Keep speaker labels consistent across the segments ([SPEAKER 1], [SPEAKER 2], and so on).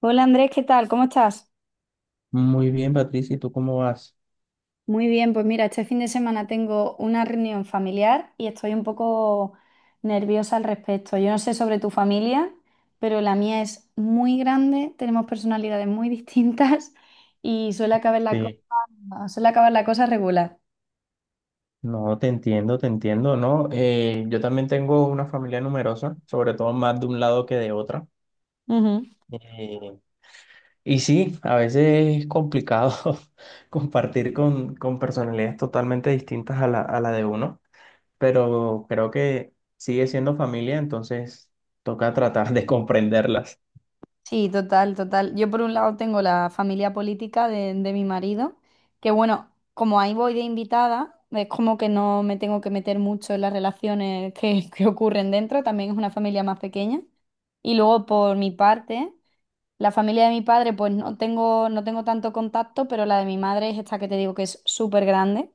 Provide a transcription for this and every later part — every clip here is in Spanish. [SPEAKER 1] Hola Andrés, ¿qué tal? ¿Cómo estás?
[SPEAKER 2] Muy bien, Patricia, ¿y tú cómo vas?
[SPEAKER 1] Muy bien, pues mira, este fin de semana tengo una reunión familiar y estoy un poco nerviosa al respecto. Yo no sé sobre tu familia, pero la mía es muy grande, tenemos personalidades muy distintas y suele acabar la cosa,
[SPEAKER 2] Sí,
[SPEAKER 1] suele acabar la cosa regular.
[SPEAKER 2] no, te entiendo, ¿no? Yo también tengo una familia numerosa, sobre todo más de un lado que de otra. Eh, y sí, a veces es complicado compartir con personalidades totalmente distintas a a la de uno, pero creo que sigue siendo familia, entonces toca tratar de comprenderlas.
[SPEAKER 1] Sí, total, total. Yo por un lado tengo la familia política de mi marido, que bueno, como ahí voy de invitada, es como que no me tengo que meter mucho en las relaciones que ocurren dentro, también es una familia más pequeña. Y luego por mi parte, la familia de mi padre, pues no tengo tanto contacto, pero la de mi madre es esta que te digo que es súper grande.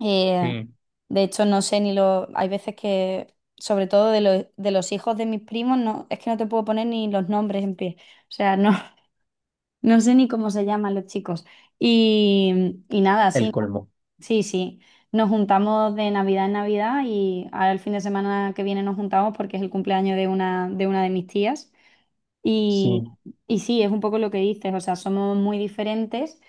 [SPEAKER 1] Eh,
[SPEAKER 2] Sí.
[SPEAKER 1] de hecho, no sé ni lo. Hay veces que, sobre todo de los hijos de mis primos, no, es que no te puedo poner ni los nombres en pie. O sea, no, no sé ni cómo se llaman los chicos. Y nada,
[SPEAKER 2] El
[SPEAKER 1] sí,
[SPEAKER 2] colmo.
[SPEAKER 1] sí, sí. Nos juntamos de Navidad en Navidad y ahora el fin de semana que viene nos juntamos porque es el cumpleaños de una de mis tías. Y,
[SPEAKER 2] Sí.
[SPEAKER 1] y sí, es un poco lo que dices, o sea, somos muy diferentes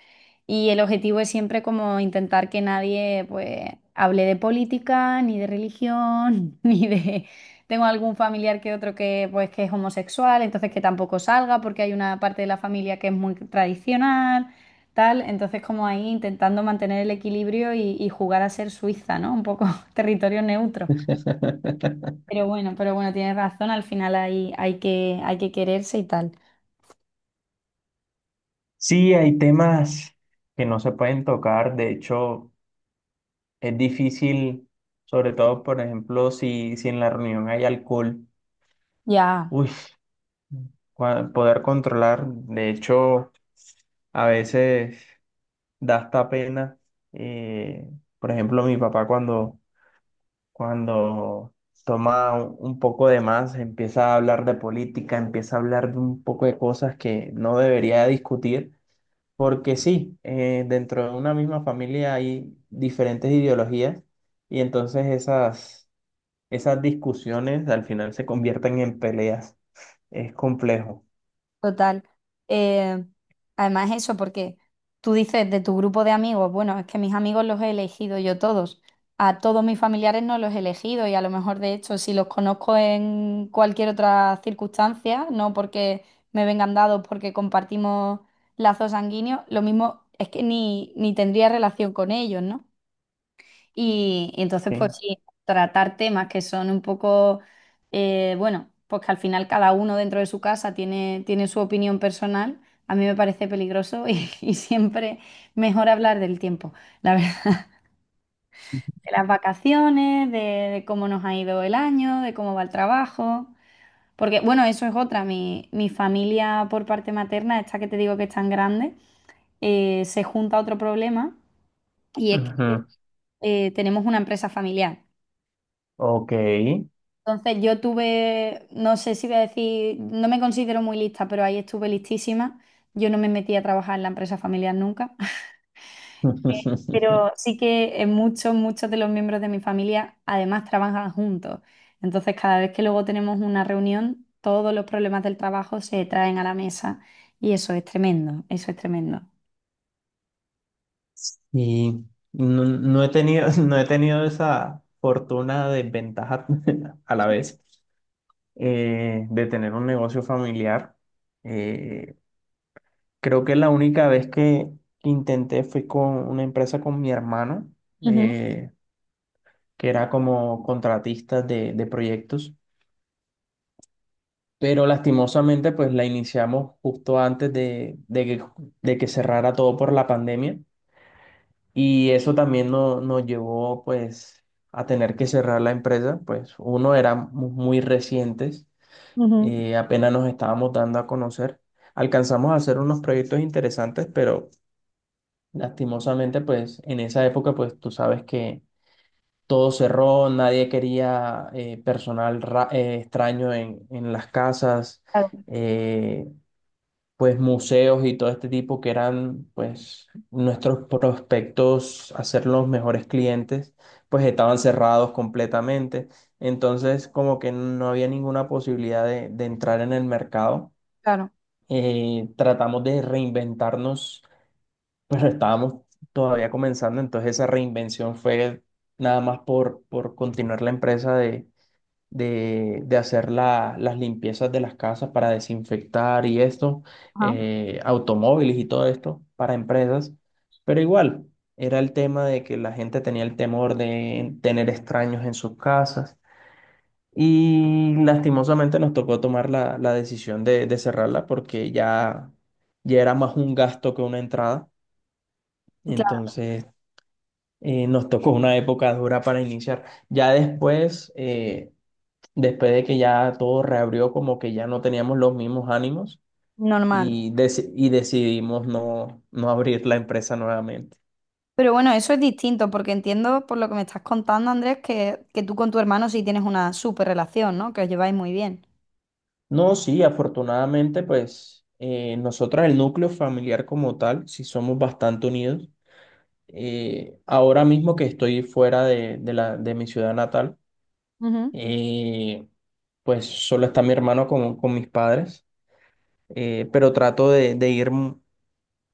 [SPEAKER 1] y el objetivo es siempre como intentar que nadie pues hable de política, ni de religión, ni de... Tengo algún familiar que otro que pues que es homosexual, entonces que tampoco salga porque hay una parte de la familia que es muy tradicional, tal, entonces como ahí intentando mantener el equilibrio y jugar a ser Suiza, ¿no? Un poco territorio neutro. Pero bueno, tienes razón, al final hay que quererse y tal.
[SPEAKER 2] Sí, hay temas que no se pueden tocar, de hecho. Es difícil, sobre todo, por ejemplo, si en la reunión hay alcohol,
[SPEAKER 1] Ya,
[SPEAKER 2] uy, poder controlar. De hecho, a veces da hasta pena. eh, por ejemplo, mi papá cuando toma un poco de más, empieza a hablar de política, empieza a hablar de un poco de cosas que no debería discutir, porque sí, dentro de una misma familia hay diferentes ideologías y entonces esas discusiones al final se convierten en peleas. Es complejo,
[SPEAKER 1] total. Eh, Además eso, porque tú dices de tu grupo de amigos, bueno, es que mis amigos los he elegido yo todos. A todos mis familiares no los he elegido y a lo mejor de hecho si los conozco en cualquier otra circunstancia, no porque me vengan dados, porque compartimos lazos sanguíneos, lo mismo es que ni tendría relación con ellos, ¿no? Y entonces,
[SPEAKER 2] ¿sí?
[SPEAKER 1] pues sí, tratar temas que son un poco, bueno, pues que al final cada uno dentro de su casa tiene, tiene su opinión personal, a mí me parece peligroso y, y siempre mejor hablar del tiempo, la verdad, de las vacaciones, de cómo nos ha ido el año, de cómo va el trabajo. Porque, bueno, eso es otra, mi familia por parte materna, esta que te digo que es tan grande, se junta otro problema y es que
[SPEAKER 2] Ujú.
[SPEAKER 1] tenemos una empresa familiar.
[SPEAKER 2] Ok.
[SPEAKER 1] Entonces yo tuve, no sé si voy a decir, no me considero muy lista, pero ahí estuve listísima. Yo no me metí a trabajar en la empresa familiar nunca, pero sí que muchos de los miembros de mi familia además trabajan juntos. Entonces cada vez que luego tenemos una reunión, todos los problemas del trabajo se traen a la mesa y eso es tremendo, eso es tremendo.
[SPEAKER 2] Y no he tenido, no he tenido esa fortuna de ventaja a la vez de tener un negocio familiar. Eh, Creo que la única vez que intenté fue con una empresa con mi hermano,
[SPEAKER 1] Ujú,
[SPEAKER 2] eh, que era como contratista de proyectos. Pero lastimosamente pues la iniciamos justo antes de que de que cerrara todo por la pandemia y eso también nos llevó pues a tener que cerrar la empresa, pues uno éramos muy recientes,
[SPEAKER 1] ujú.
[SPEAKER 2] apenas nos estábamos dando a conocer, alcanzamos a hacer unos proyectos interesantes, pero lastimosamente pues en esa época pues tú sabes que... Todo cerró, nadie quería extraño en las casas.
[SPEAKER 1] Claro,
[SPEAKER 2] Eh, pues museos y todo este tipo que eran pues nuestros prospectos a ser los mejores clientes, pues estaban cerrados completamente. Entonces como que no había ninguna posibilidad de entrar en el mercado.
[SPEAKER 1] claro,
[SPEAKER 2] Tratamos de reinventarnos, pero estábamos todavía comenzando, entonces esa reinvención fue nada más por continuar la empresa de hacer las limpiezas de las casas para desinfectar y esto,
[SPEAKER 1] ajá,
[SPEAKER 2] automóviles y todo esto para empresas, pero igual era el tema de que la gente tenía el temor de tener extraños en sus casas y lastimosamente nos tocó tomar la decisión de cerrarla porque ya, ya era más un gasto que una entrada,
[SPEAKER 1] claro,
[SPEAKER 2] entonces... Nos tocó una época dura para iniciar. Ya después, después de que ya todo reabrió, como que ya no teníamos los mismos ánimos
[SPEAKER 1] normal.
[SPEAKER 2] y, decidimos no abrir la empresa nuevamente.
[SPEAKER 1] Pero bueno, eso es distinto, porque entiendo por lo que me estás contando, Andrés, que tú con tu hermano sí tienes una súper relación, ¿no? Que os lleváis muy bien.
[SPEAKER 2] No, Sí, afortunadamente, pues nosotras, el núcleo familiar como tal, sí somos bastante unidos. Ahora mismo que estoy fuera de de mi ciudad natal, eh, pues solo está mi hermano con mis padres, pero trato de ir.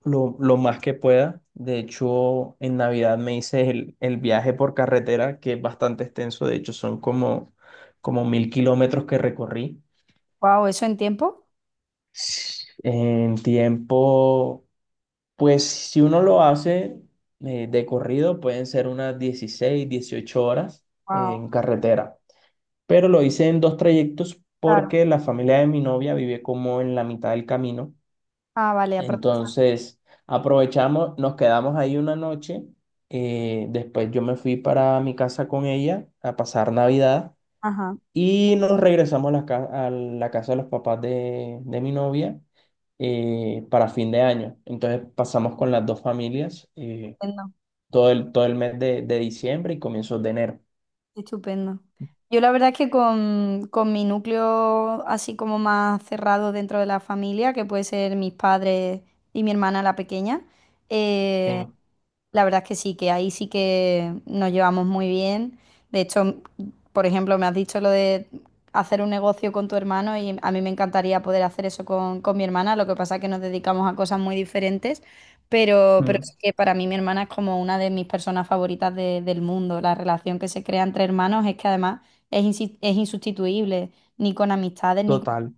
[SPEAKER 2] Lo lo, más que pueda. De hecho, en Navidad me hice el viaje por carretera, que es bastante extenso. De hecho, son como, como 1000 km que recorrí.
[SPEAKER 1] Wow, ¿eso en tiempo?
[SPEAKER 2] En tiempo, pues si uno lo hace de corrido, pueden ser unas 16, 18 horas
[SPEAKER 1] Wow,
[SPEAKER 2] en carretera. Pero lo hice en dos trayectos
[SPEAKER 1] claro.
[SPEAKER 2] porque la familia de mi novia vive como en la mitad del camino.
[SPEAKER 1] Ah, vale, aprovechar.
[SPEAKER 2] Entonces, aprovechamos, nos quedamos ahí una noche. Después yo me fui para mi casa con ella a pasar Navidad
[SPEAKER 1] Ajá.
[SPEAKER 2] y nos regresamos a la casa de los papás de mi novia para fin de año. Entonces pasamos con las dos familias
[SPEAKER 1] Entiendo.
[SPEAKER 2] todo todo el mes de diciembre y comienzos de enero.
[SPEAKER 1] Estupendo. Yo la verdad es que con mi núcleo así como más cerrado dentro de la familia, que puede ser mis padres y mi hermana la pequeña, eh,
[SPEAKER 2] Sí.
[SPEAKER 1] la verdad es que sí, que ahí sí que nos llevamos muy bien. De hecho, por ejemplo, me has dicho lo de hacer un negocio con tu hermano y a mí me encantaría poder hacer eso con mi hermana, lo que pasa es que nos dedicamos a cosas muy diferentes, pero
[SPEAKER 2] Mm.
[SPEAKER 1] sí que para mí mi hermana es como una de mis personas favoritas del mundo. La relación que se crea entre hermanos es que además es insustituible, ni con amistades, ni con...
[SPEAKER 2] Total,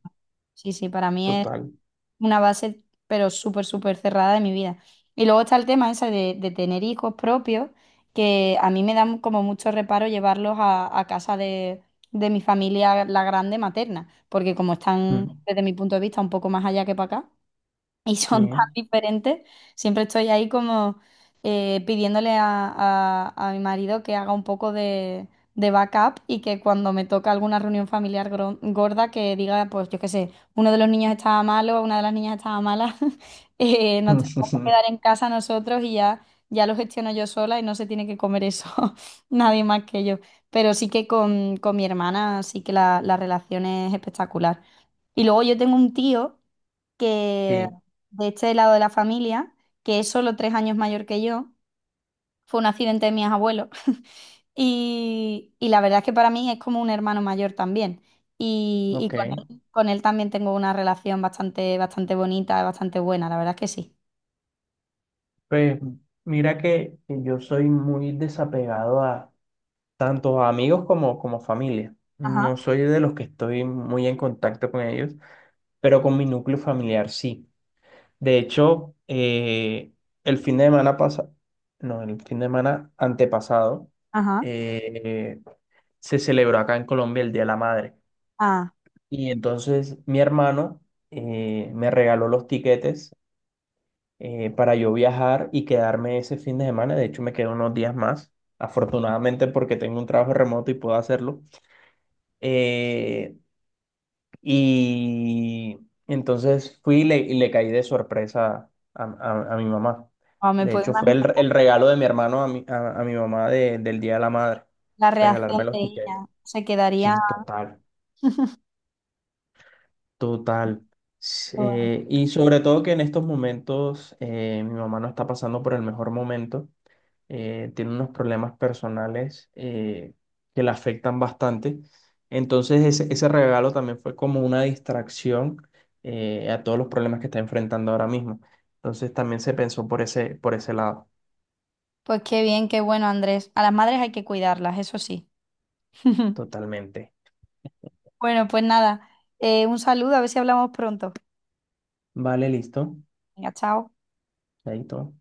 [SPEAKER 1] Sí, sí, para mí es
[SPEAKER 2] total.
[SPEAKER 1] una base, pero súper, súper cerrada de mi vida. Y luego está el tema ese de tener hijos propios, que a mí me da como mucho reparo llevarlos a casa de mi familia, la grande materna, porque como están,
[SPEAKER 2] Mm.
[SPEAKER 1] desde mi punto de vista, un poco más allá que para acá y
[SPEAKER 2] Sí.
[SPEAKER 1] son tan diferentes. Siempre estoy ahí como pidiéndole a mi marido que haga un poco de backup y que cuando me toca alguna reunión familiar gorda que diga, pues yo qué sé, uno de los niños estaba malo, una de las niñas estaba mala, nos tenemos que quedar en casa nosotros y ya, ya lo gestiono yo sola y no se tiene que comer eso nadie más que yo. Pero sí que con mi hermana sí que la relación es espectacular. Y luego yo tengo un tío que
[SPEAKER 2] Sí,
[SPEAKER 1] de este lado de la familia, que es solo 3 años mayor que yo, fue un accidente de mis abuelos. Y, y la verdad es que para mí es como un hermano mayor también. Y
[SPEAKER 2] ok.
[SPEAKER 1] con él también tengo una relación bastante, bastante bonita, bastante buena, la verdad es que sí.
[SPEAKER 2] Pues mira que yo soy muy desapegado a tanto a amigos como familia. No
[SPEAKER 1] Ajá,
[SPEAKER 2] soy de los que estoy muy en contacto con ellos, pero con mi núcleo familiar sí. De hecho, el fin de semana pasado, no, el fin de semana antepasado,
[SPEAKER 1] ajá.
[SPEAKER 2] eh, se celebró acá en Colombia el Día de la Madre.
[SPEAKER 1] Ah,
[SPEAKER 2] Y entonces mi hermano me regaló los tiquetes para yo viajar y quedarme ese fin de semana. De hecho, me quedo unos días más, afortunadamente porque tengo un trabajo remoto y puedo hacerlo. Eh, y entonces fui y le caí de sorpresa a, a mi mamá.
[SPEAKER 1] o me
[SPEAKER 2] De
[SPEAKER 1] puedo
[SPEAKER 2] hecho, fue
[SPEAKER 1] imaginar
[SPEAKER 2] el regalo de mi hermano a a mi mamá del Día de la Madre,
[SPEAKER 1] la reacción
[SPEAKER 2] regalarme
[SPEAKER 1] de
[SPEAKER 2] los tiquetes.
[SPEAKER 1] ella. Se
[SPEAKER 2] Sí,
[SPEAKER 1] quedaría.
[SPEAKER 2] total. Total.
[SPEAKER 1] Bueno,
[SPEAKER 2] Y sobre todo que en estos momentos mi mamá no está pasando por el mejor momento. Tiene unos problemas personales que la afectan bastante. Entonces ese regalo también fue como una distracción a todos los problemas que está enfrentando ahora mismo. Entonces también se pensó por por ese lado,
[SPEAKER 1] pues qué bien, qué bueno, Andrés. A las madres hay que cuidarlas, eso sí.
[SPEAKER 2] totalmente.
[SPEAKER 1] Bueno, pues nada, un saludo, a ver si hablamos pronto.
[SPEAKER 2] Vale, listo.
[SPEAKER 1] Venga, chao.
[SPEAKER 2] Ahí todo.